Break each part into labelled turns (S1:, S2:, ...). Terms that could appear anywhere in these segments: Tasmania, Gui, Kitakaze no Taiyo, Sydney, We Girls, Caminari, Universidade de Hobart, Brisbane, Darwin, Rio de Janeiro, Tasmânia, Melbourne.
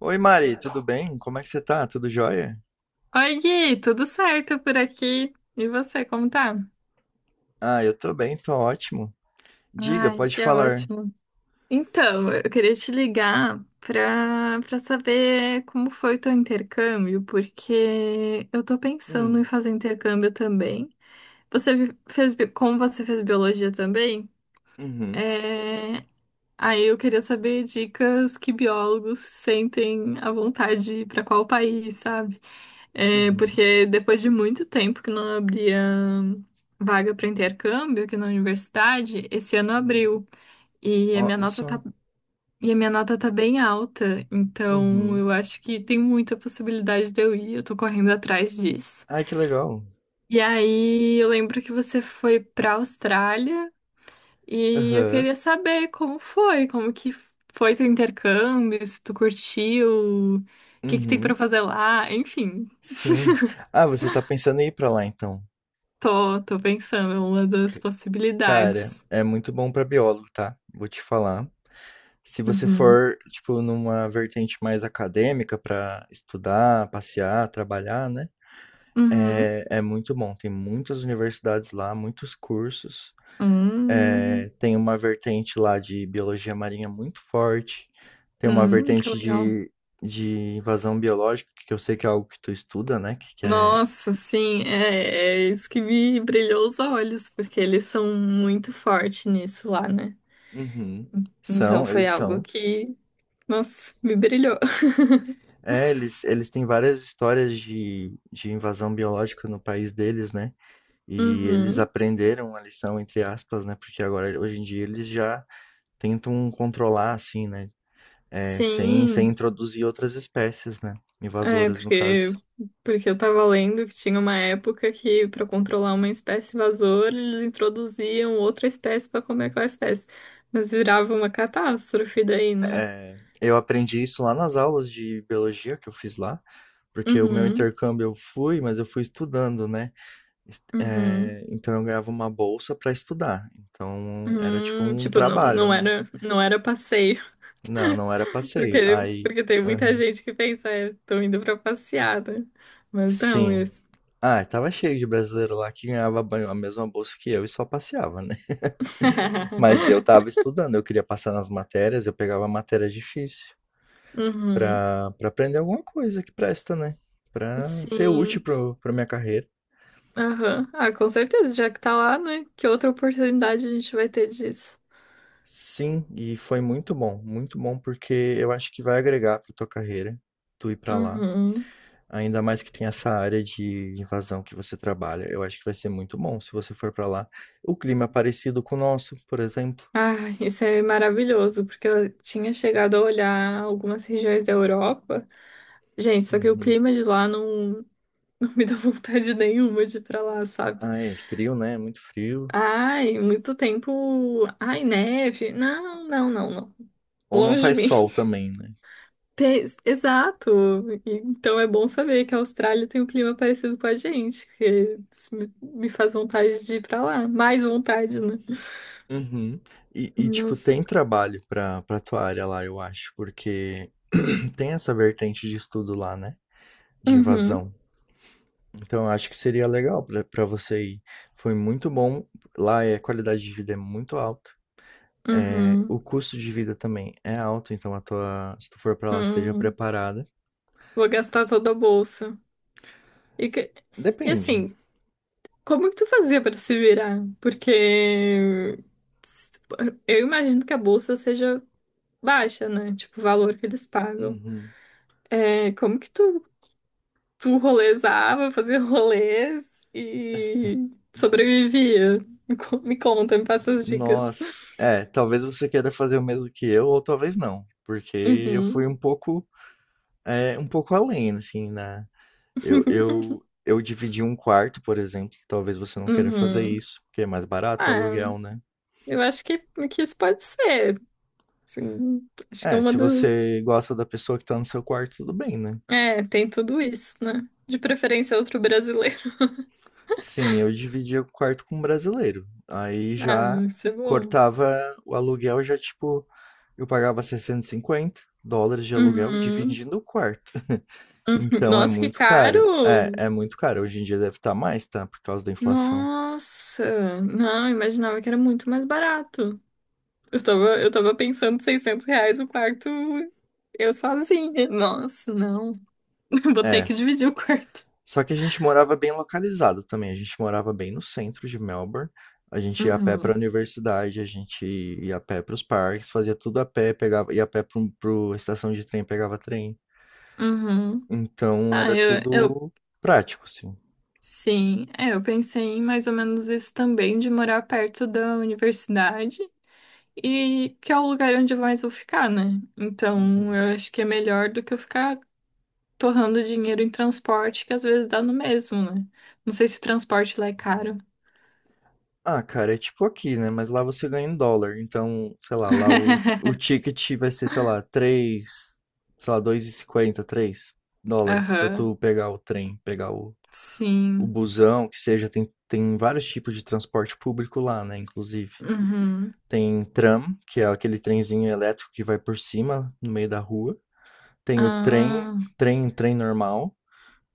S1: Oi, Mari, tudo bem? Como é que você tá? Tudo jóia?
S2: Oi, Gui, tudo certo por aqui? E você, como tá?
S1: Ah, eu tô bem, tô ótimo. Diga,
S2: Ai,
S1: pode
S2: que
S1: falar.
S2: ótimo. Então, eu queria te ligar pra saber como foi o teu intercâmbio, porque eu tô pensando em
S1: Hum,
S2: fazer intercâmbio também. Você vi- fez, bi- Como você fez biologia também,
S1: uhum,
S2: é. Aí eu queria saber dicas que biólogos sentem à vontade para qual país, sabe? É,
S1: uhum,
S2: porque depois de muito tempo que não abria vaga para intercâmbio aqui na universidade, esse ano
S1: uhum.
S2: abriu. E a minha
S1: Olha
S2: nota tá,
S1: só.
S2: e a minha nota tá bem alta, então
S1: Uhum.
S2: eu acho que tem muita possibilidade de eu ir, eu tô correndo atrás disso.
S1: Ai, que legal.
S2: E aí eu lembro que você foi para Austrália. E eu
S1: Aham,
S2: queria saber como que foi teu intercâmbio, se tu curtiu, o que que tem
S1: uhum,
S2: pra fazer lá, enfim.
S1: sim. Ah, você tá pensando em ir pra lá, então.
S2: Tô pensando, é uma das
S1: C- Cara,
S2: possibilidades.
S1: é muito bom pra biólogo, tá? Vou te falar. Se você
S2: Uhum,
S1: for, tipo, numa vertente mais acadêmica pra estudar, passear, trabalhar, né?
S2: uhum.
S1: É, é muito bom, tem muitas universidades lá, muitos cursos.
S2: Hum,
S1: Tem uma vertente lá de biologia marinha muito forte, tem uma
S2: que
S1: vertente
S2: legal.
S1: de, invasão biológica, que eu sei que é algo que tu estuda, né? Que é.
S2: Nossa, sim, é isso que me brilhou os olhos, porque eles são muito fortes nisso lá, né?
S1: Uhum.
S2: Então
S1: São,
S2: foi
S1: eles
S2: algo
S1: são.
S2: que, nossa, me brilhou.
S1: É, eles, têm várias histórias de invasão biológica no país deles, né? E eles
S2: Uhum.
S1: aprenderam a lição, entre aspas, né? Porque agora, hoje em dia, eles já tentam controlar, assim, né? É, sem
S2: Sim.
S1: introduzir outras espécies, né?
S2: É,
S1: Invasoras, no
S2: porque,
S1: caso.
S2: porque eu tava lendo que tinha uma época que, para controlar uma espécie invasora, eles introduziam outra espécie para comer aquela espécie. Mas virava uma catástrofe daí, né?
S1: É, eu aprendi isso lá nas aulas de biologia que eu fiz lá, porque o meu
S2: Uhum,
S1: intercâmbio eu fui, mas eu fui estudando, né?
S2: uhum.
S1: É, então eu ganhava uma bolsa para estudar. Então era tipo um
S2: Tipo, não,
S1: trabalho,
S2: não
S1: né?
S2: era, não era passeio,
S1: Não, não era passeio.
S2: porque,
S1: Aí,
S2: porque tem muita
S1: aham.
S2: gente que pensa, é, tô indo pra passeada. Mas não,
S1: Sim.
S2: isso.
S1: Ah, tava cheio de brasileiro lá que ganhava banho- a mesma bolsa que eu e só passeava, né? Mas eu tava estudando, eu queria passar nas matérias, eu pegava matéria difícil.
S2: Uhum,
S1: Para aprender alguma coisa que presta, né? Para ser útil
S2: sim.
S1: pra minha carreira.
S2: Aham. Ah, com certeza, já que tá lá, né? Que outra oportunidade a gente vai ter disso.
S1: Sim, e foi muito bom porque eu acho que vai agregar para tua carreira, tu ir para lá.
S2: Uhum.
S1: Ainda mais que tem essa área de invasão que você trabalha. Eu acho que vai ser muito bom se você for para lá. O clima é parecido com o nosso, por exemplo.
S2: Ah, isso é maravilhoso, porque eu tinha chegado a olhar algumas regiões da Europa. Gente, só que o
S1: Uhum.
S2: clima de lá não, não me dá vontade nenhuma de ir pra lá, sabe?
S1: Ah, é frio, né? Muito frio.
S2: Ai, muito tempo. Ai, neve. Não, não, não, não.
S1: Ou não
S2: Longe de
S1: faz
S2: mim.
S1: sol também, né?
S2: Exato. Então é bom saber que a Austrália tem um clima parecido com a gente, que isso me faz vontade de ir pra lá. Mais vontade, né?
S1: Uhum. E, tipo,
S2: Nossa.
S1: tem trabalho pra tua área lá, eu acho, porque tem essa vertente de estudo lá, né? De
S2: Uhum,
S1: invasão. Então, eu acho que seria legal pra você ir. Foi muito bom. Lá é, a qualidade de vida é muito alta. É,
S2: uhum,
S1: o custo de vida também é alto, então se tu for pra lá, esteja
S2: uhum.
S1: preparada.
S2: Vou gastar toda a bolsa. E, que- e
S1: Depende.
S2: assim, como que tu fazia pra se virar? Porque s- eu imagino que a bolsa seja baixa, né? Tipo, o valor que eles pagam.
S1: Uhum.
S2: É, como que tu rolezava, fazia rolês e sobrevivia. Me conta, me passa as dicas.
S1: Nossa. É, talvez você queira fazer o mesmo que eu, ou talvez não. Porque eu
S2: Uhum.
S1: fui um pouco, é, um pouco além, assim. Eu, eu, eu dividi um quarto, por exemplo. Talvez você não queira fazer
S2: Uhum.
S1: isso, porque é mais barato o
S2: Ah,
S1: aluguel, né?
S2: eu acho que isso pode ser. Assim, acho que é
S1: É,
S2: uma
S1: se
S2: das.
S1: você gosta da pessoa que tá no seu quarto, tudo bem, né?
S2: É, tem tudo isso, né? De preferência, outro brasileiro.
S1: Sim, eu dividia o quarto com um brasileiro. Aí
S2: Ah,
S1: já
S2: isso é bom.
S1: cortava o aluguel, já tipo, eu pagava 650 dólares de aluguel
S2: Uhum.
S1: dividindo o quarto. Então é
S2: Nossa, que
S1: muito caro. É,
S2: caro!
S1: é muito caro. Hoje em dia deve estar mais, tá? Por causa da inflação.
S2: Nossa! Não, imaginava que era muito mais barato. Eu tava pensando R$ 600 o quarto, eu sozinha. Nossa, não. Vou ter
S1: É,
S2: que dividir o quarto.
S1: Só que a gente morava bem localizado também, a gente morava bem no centro de Melbourne. A gente ia a pé para a
S2: Uhum,
S1: universidade, a gente ia a pé para os parques, fazia tudo a pé, pegava, ia a pé para a estação de trem, pegava trem.
S2: uhum.
S1: Então
S2: Ah,
S1: era tudo prático, assim.
S2: sim. É, eu pensei em mais ou menos isso também, de morar perto da universidade. E que é o lugar onde mais vou ficar, né? Então,
S1: Uhum.
S2: eu acho que é melhor do que eu ficar torrando dinheiro em transporte, que às vezes dá no mesmo, né? Não sei se o transporte lá é caro.
S1: Ah, cara, é tipo aqui, né? Mas lá você ganha em dólar. Então, sei lá, lá o, ticket vai ser, sei lá, 3 sei lá, dois e cinquenta três dólares pra
S2: Aham,
S1: tu pegar o trem, pegar o
S2: sim.
S1: busão, que seja, tem, tem vários tipos de transporte público lá, né, inclusive.
S2: Uhum.
S1: Tem tram, que é aquele trenzinho elétrico que vai por cima, no meio da rua. Tem o trem,
S2: Ah,
S1: trem normal.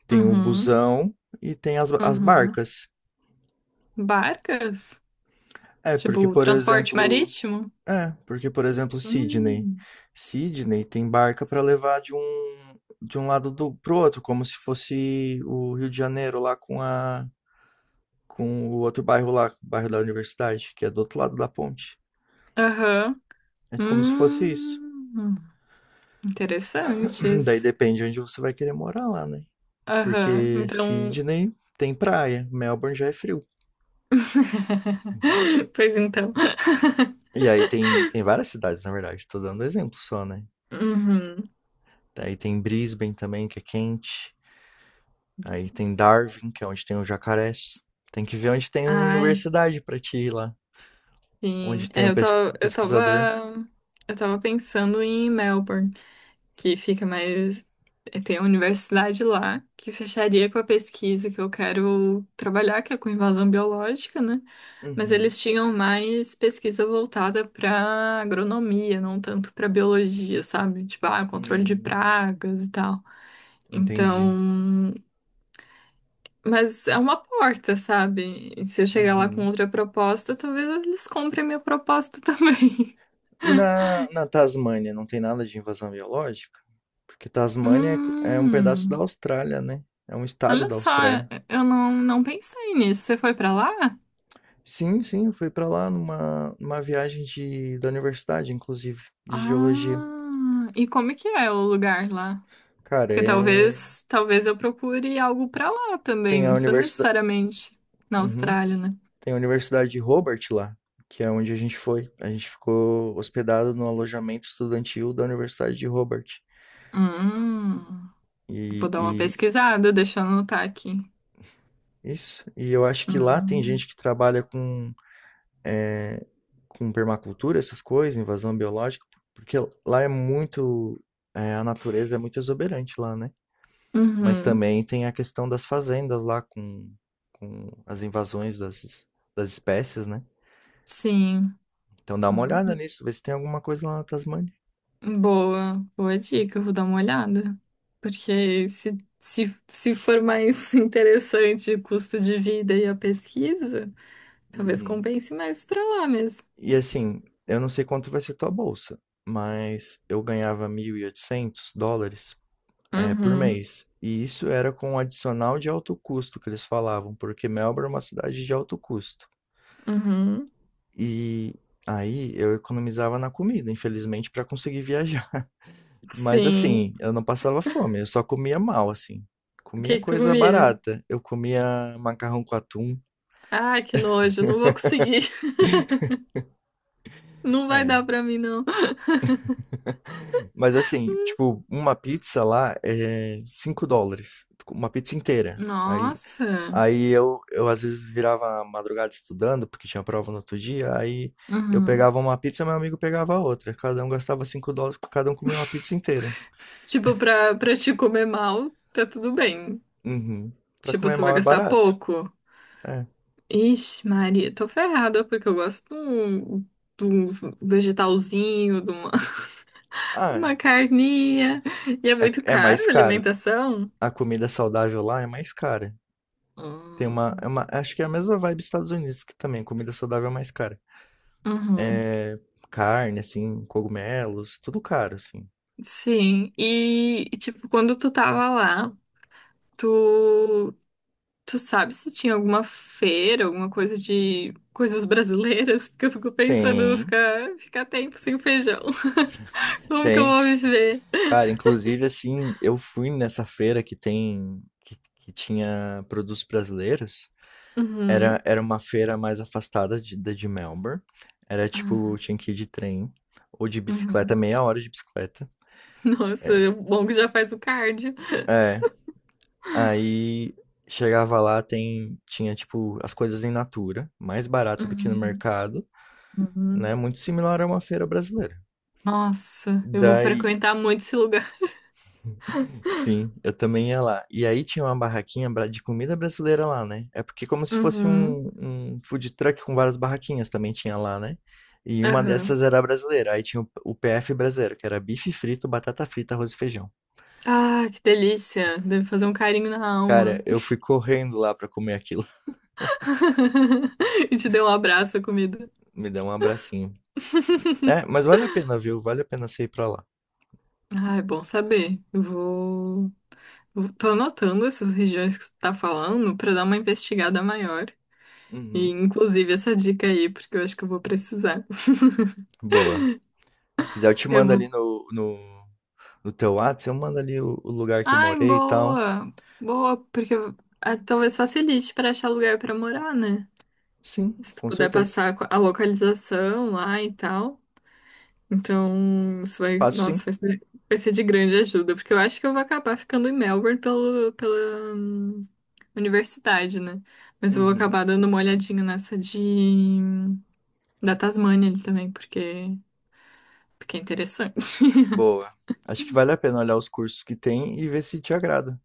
S1: Tem o
S2: uhum,
S1: busão e tem as, as
S2: uhum.
S1: barcas.
S2: Barcas?
S1: É, porque,
S2: Tipo,
S1: por
S2: transporte
S1: exemplo...
S2: marítimo?
S1: É, porque, por exemplo, Sydney.
S2: Hum.
S1: Sydney tem barca para levar de um lado do, pro outro, como se fosse o Rio de Janeiro lá com a com o outro bairro lá, o bairro da universidade, que é do outro lado da ponte.
S2: Aham.
S1: É como se fosse isso.
S2: Hum.
S1: Daí
S2: Interessantes.
S1: depende de onde você vai querer morar lá, né?
S2: Aham.
S1: Porque
S2: Então.
S1: Sydney tem praia, Melbourne já é frio.
S2: Pois então.
S1: E aí tem, tem várias cidades, na verdade, tô dando exemplo só, né?
S2: Uhum.
S1: Aí tem Brisbane também, que é quente. Aí tem Darwin, que é onde tem o jacarés. Tem que ver onde tem a
S2: Ai,
S1: universidade pra ti ir lá.
S2: sim.
S1: Onde tem
S2: É,
S1: um
S2: eu tava, eu
S1: pesquisador.
S2: tava, eu tava pensando em Melbourne. Que fica mais. Tem a universidade lá, que fecharia com a pesquisa que eu quero trabalhar, que é com invasão biológica, né? Mas
S1: Uhum.
S2: eles tinham mais pesquisa voltada para agronomia, não tanto para biologia, sabe? Tipo, ah, controle de
S1: Hum,
S2: pragas e tal.
S1: entendi.
S2: Então, mas é uma porta, sabe? E se eu chegar lá com
S1: Uhum.
S2: outra proposta, talvez eles comprem minha proposta também.
S1: E na Tasmânia, não tem nada de invasão biológica? Porque Tasmânia é co é um pedaço da
S2: Hum.
S1: Austrália, né, é um estado
S2: Olha
S1: da
S2: só,
S1: Austrália.
S2: eu não pensei nisso. Você foi pra lá?
S1: Sim, sim, eu fui pra lá numa viagem de da universidade, inclusive, de geologia.
S2: Ah, e como é que é o lugar lá?
S1: Cara,
S2: Porque talvez eu procure algo pra lá também,
S1: tem
S2: não
S1: a
S2: precisa
S1: universidade
S2: necessariamente na Austrália, né?
S1: Tem a Universidade de Hobart lá, que é onde a gente foi. A gente ficou hospedado no alojamento estudantil da Universidade de Hobart.
S2: Hum,
S1: E
S2: vou dar uma
S1: e
S2: pesquisada, deixa eu anotar aqui.
S1: isso, e eu acho que lá tem
S2: Hum,
S1: gente que trabalha com permacultura, essas coisas, invasão biológica, porque lá é muito, é, a natureza é muito exuberante lá, né? Mas
S2: uhum,
S1: também tem a questão das fazendas lá com as invasões das espécies, né?
S2: sim.
S1: Então dá uma olhada
S2: Uhum.
S1: nisso, vê se tem alguma coisa lá na Tasmânia.
S2: Boa, boa dica, eu vou dar uma olhada. Porque se for mais interessante o custo de vida e a pesquisa. Talvez
S1: Uhum.
S2: compense mais pra lá mesmo.
S1: E assim, eu não sei quanto vai ser tua bolsa, mas eu ganhava US$ 1.800 é, por
S2: Uhum,
S1: mês. E isso era com um adicional de alto custo que eles falavam, porque Melbourne é uma cidade de alto custo.
S2: uhum.
S1: E aí eu economizava na comida, infelizmente, para conseguir viajar. Mas
S2: Sim.
S1: assim, eu não passava fome, eu só comia mal, assim.
S2: O
S1: Comia
S2: que que tu
S1: coisa
S2: comia?
S1: barata. Eu comia macarrão com atum.
S2: Ah, que nojo, não vou conseguir. Não vai
S1: É.
S2: dar pra mim, não.
S1: Mas assim, tipo, uma pizza lá é US$ 5. Uma pizza inteira. Aí,
S2: Nossa.
S1: aí eu às vezes virava a madrugada estudando, porque tinha prova no outro dia. Aí eu
S2: Uhum.
S1: pegava uma pizza, meu amigo pegava outra. Cada um gastava US$ 5, cada um comia uma pizza inteira.
S2: Tipo, pra te comer mal, tá tudo bem.
S1: Uhum. Pra
S2: Tipo,
S1: comer
S2: você vai
S1: mal é
S2: gastar
S1: barato.
S2: pouco.
S1: É.
S2: Ixi, Maria, tô ferrada, porque eu gosto de um vegetalzinho, de uma,
S1: Ah,
S2: uma carninha. E é
S1: é, é
S2: muito
S1: é
S2: caro
S1: mais
S2: a
S1: caro.
S2: alimentação.
S1: A comida saudável lá é mais cara. Tem uma,
S2: Hum.
S1: é uma- Acho que é a mesma vibe dos Estados Unidos, que também comida saudável é mais cara.
S2: Uhum.
S1: Carne, assim, cogumelos, tudo caro, assim.
S2: Sim, tipo, quando tu tava lá, tu, tu sabe se tinha alguma feira, alguma coisa de coisas brasileiras? Porque eu fico pensando, eu vou
S1: Tem,
S2: ficar tempo sem feijão. Como que eu
S1: tem.
S2: vou viver?
S1: Cara, inclusive, assim, eu fui nessa feira que tem. Que tinha produtos brasileiros. Era,
S2: Uhum.
S1: era uma feira mais afastada de, da de Melbourne. Era tipo,
S2: Ah,
S1: tinha que ir de trem ou de bicicleta,
S2: uhum.
S1: meia hora de bicicleta.
S2: Nossa, é um bom que já faz o cardio.
S1: É, aí chegava lá, tem, tinha tipo as coisas em natura, mais barato do que no
S2: Uhum.
S1: mercado, né?
S2: Uhum.
S1: Muito similar a uma feira brasileira.
S2: Nossa, eu vou
S1: Daí,
S2: frequentar muito esse lugar.
S1: sim, eu também ia lá. E aí tinha uma barraquinha de comida brasileira lá, né? É porque como se fosse
S2: Uhum.
S1: um, um food truck com várias barraquinhas também tinha lá, né? E uma
S2: Aham.
S1: dessas era brasileira. Aí tinha o, PF brasileiro, que era bife frito, batata frita, arroz e feijão.
S2: Ah, que delícia. Deve fazer um carinho na
S1: Cara,
S2: alma.
S1: eu fui correndo lá pra comer aquilo.
S2: E te deu um abraço, a comida.
S1: Me deu um abracinho. É, mas vale a pena, viu? Vale a pena você ir pra lá.
S2: Ah, é bom saber. Eu vou. Tô anotando essas regiões que tu tá falando pra dar uma investigada maior. E,
S1: Uhum.
S2: inclusive, essa dica aí, porque eu acho que eu vou precisar.
S1: Boa. Se quiser, eu te
S2: Eu
S1: mando ali
S2: vou.
S1: no, teu Whats, eu mando ali o lugar que eu
S2: Ai,
S1: morei e tal.
S2: boa! Boa, porque talvez facilite pra achar lugar pra morar, né?
S1: Sim,
S2: Se tu
S1: com
S2: puder
S1: certeza.
S2: passar a localização lá e tal. Então, isso vai,
S1: Passo sim.
S2: nossa, vai ser de grande ajuda, porque eu acho que eu vou acabar ficando em Melbourne pelo, pela universidade, né? Mas eu vou
S1: Uhum.
S2: acabar dando uma olhadinha nessa de da Tasmânia ali também, porque, porque é interessante.
S1: Boa. Acho que vale a pena olhar os cursos que tem e ver se te agrada.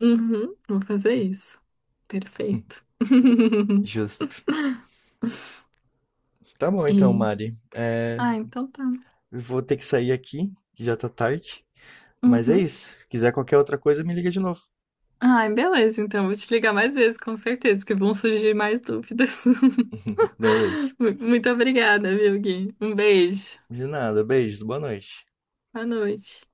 S2: Uhum, vou fazer isso. Perfeito.
S1: Justo. Tá bom então,
S2: E...
S1: Mari. É,
S2: Ah, então tá.
S1: eu vou ter que sair aqui, que já tá tarde. Mas é
S2: Uhum.
S1: isso. Se quiser qualquer outra coisa, me liga de novo.
S2: Ai, beleza, então. Vou te ligar mais vezes, com certeza, que vão surgir mais dúvidas.
S1: Beleza.
S2: Muito obrigada, viu, Gui? Um beijo.
S1: De nada. Beijos. Boa noite.
S2: Boa noite.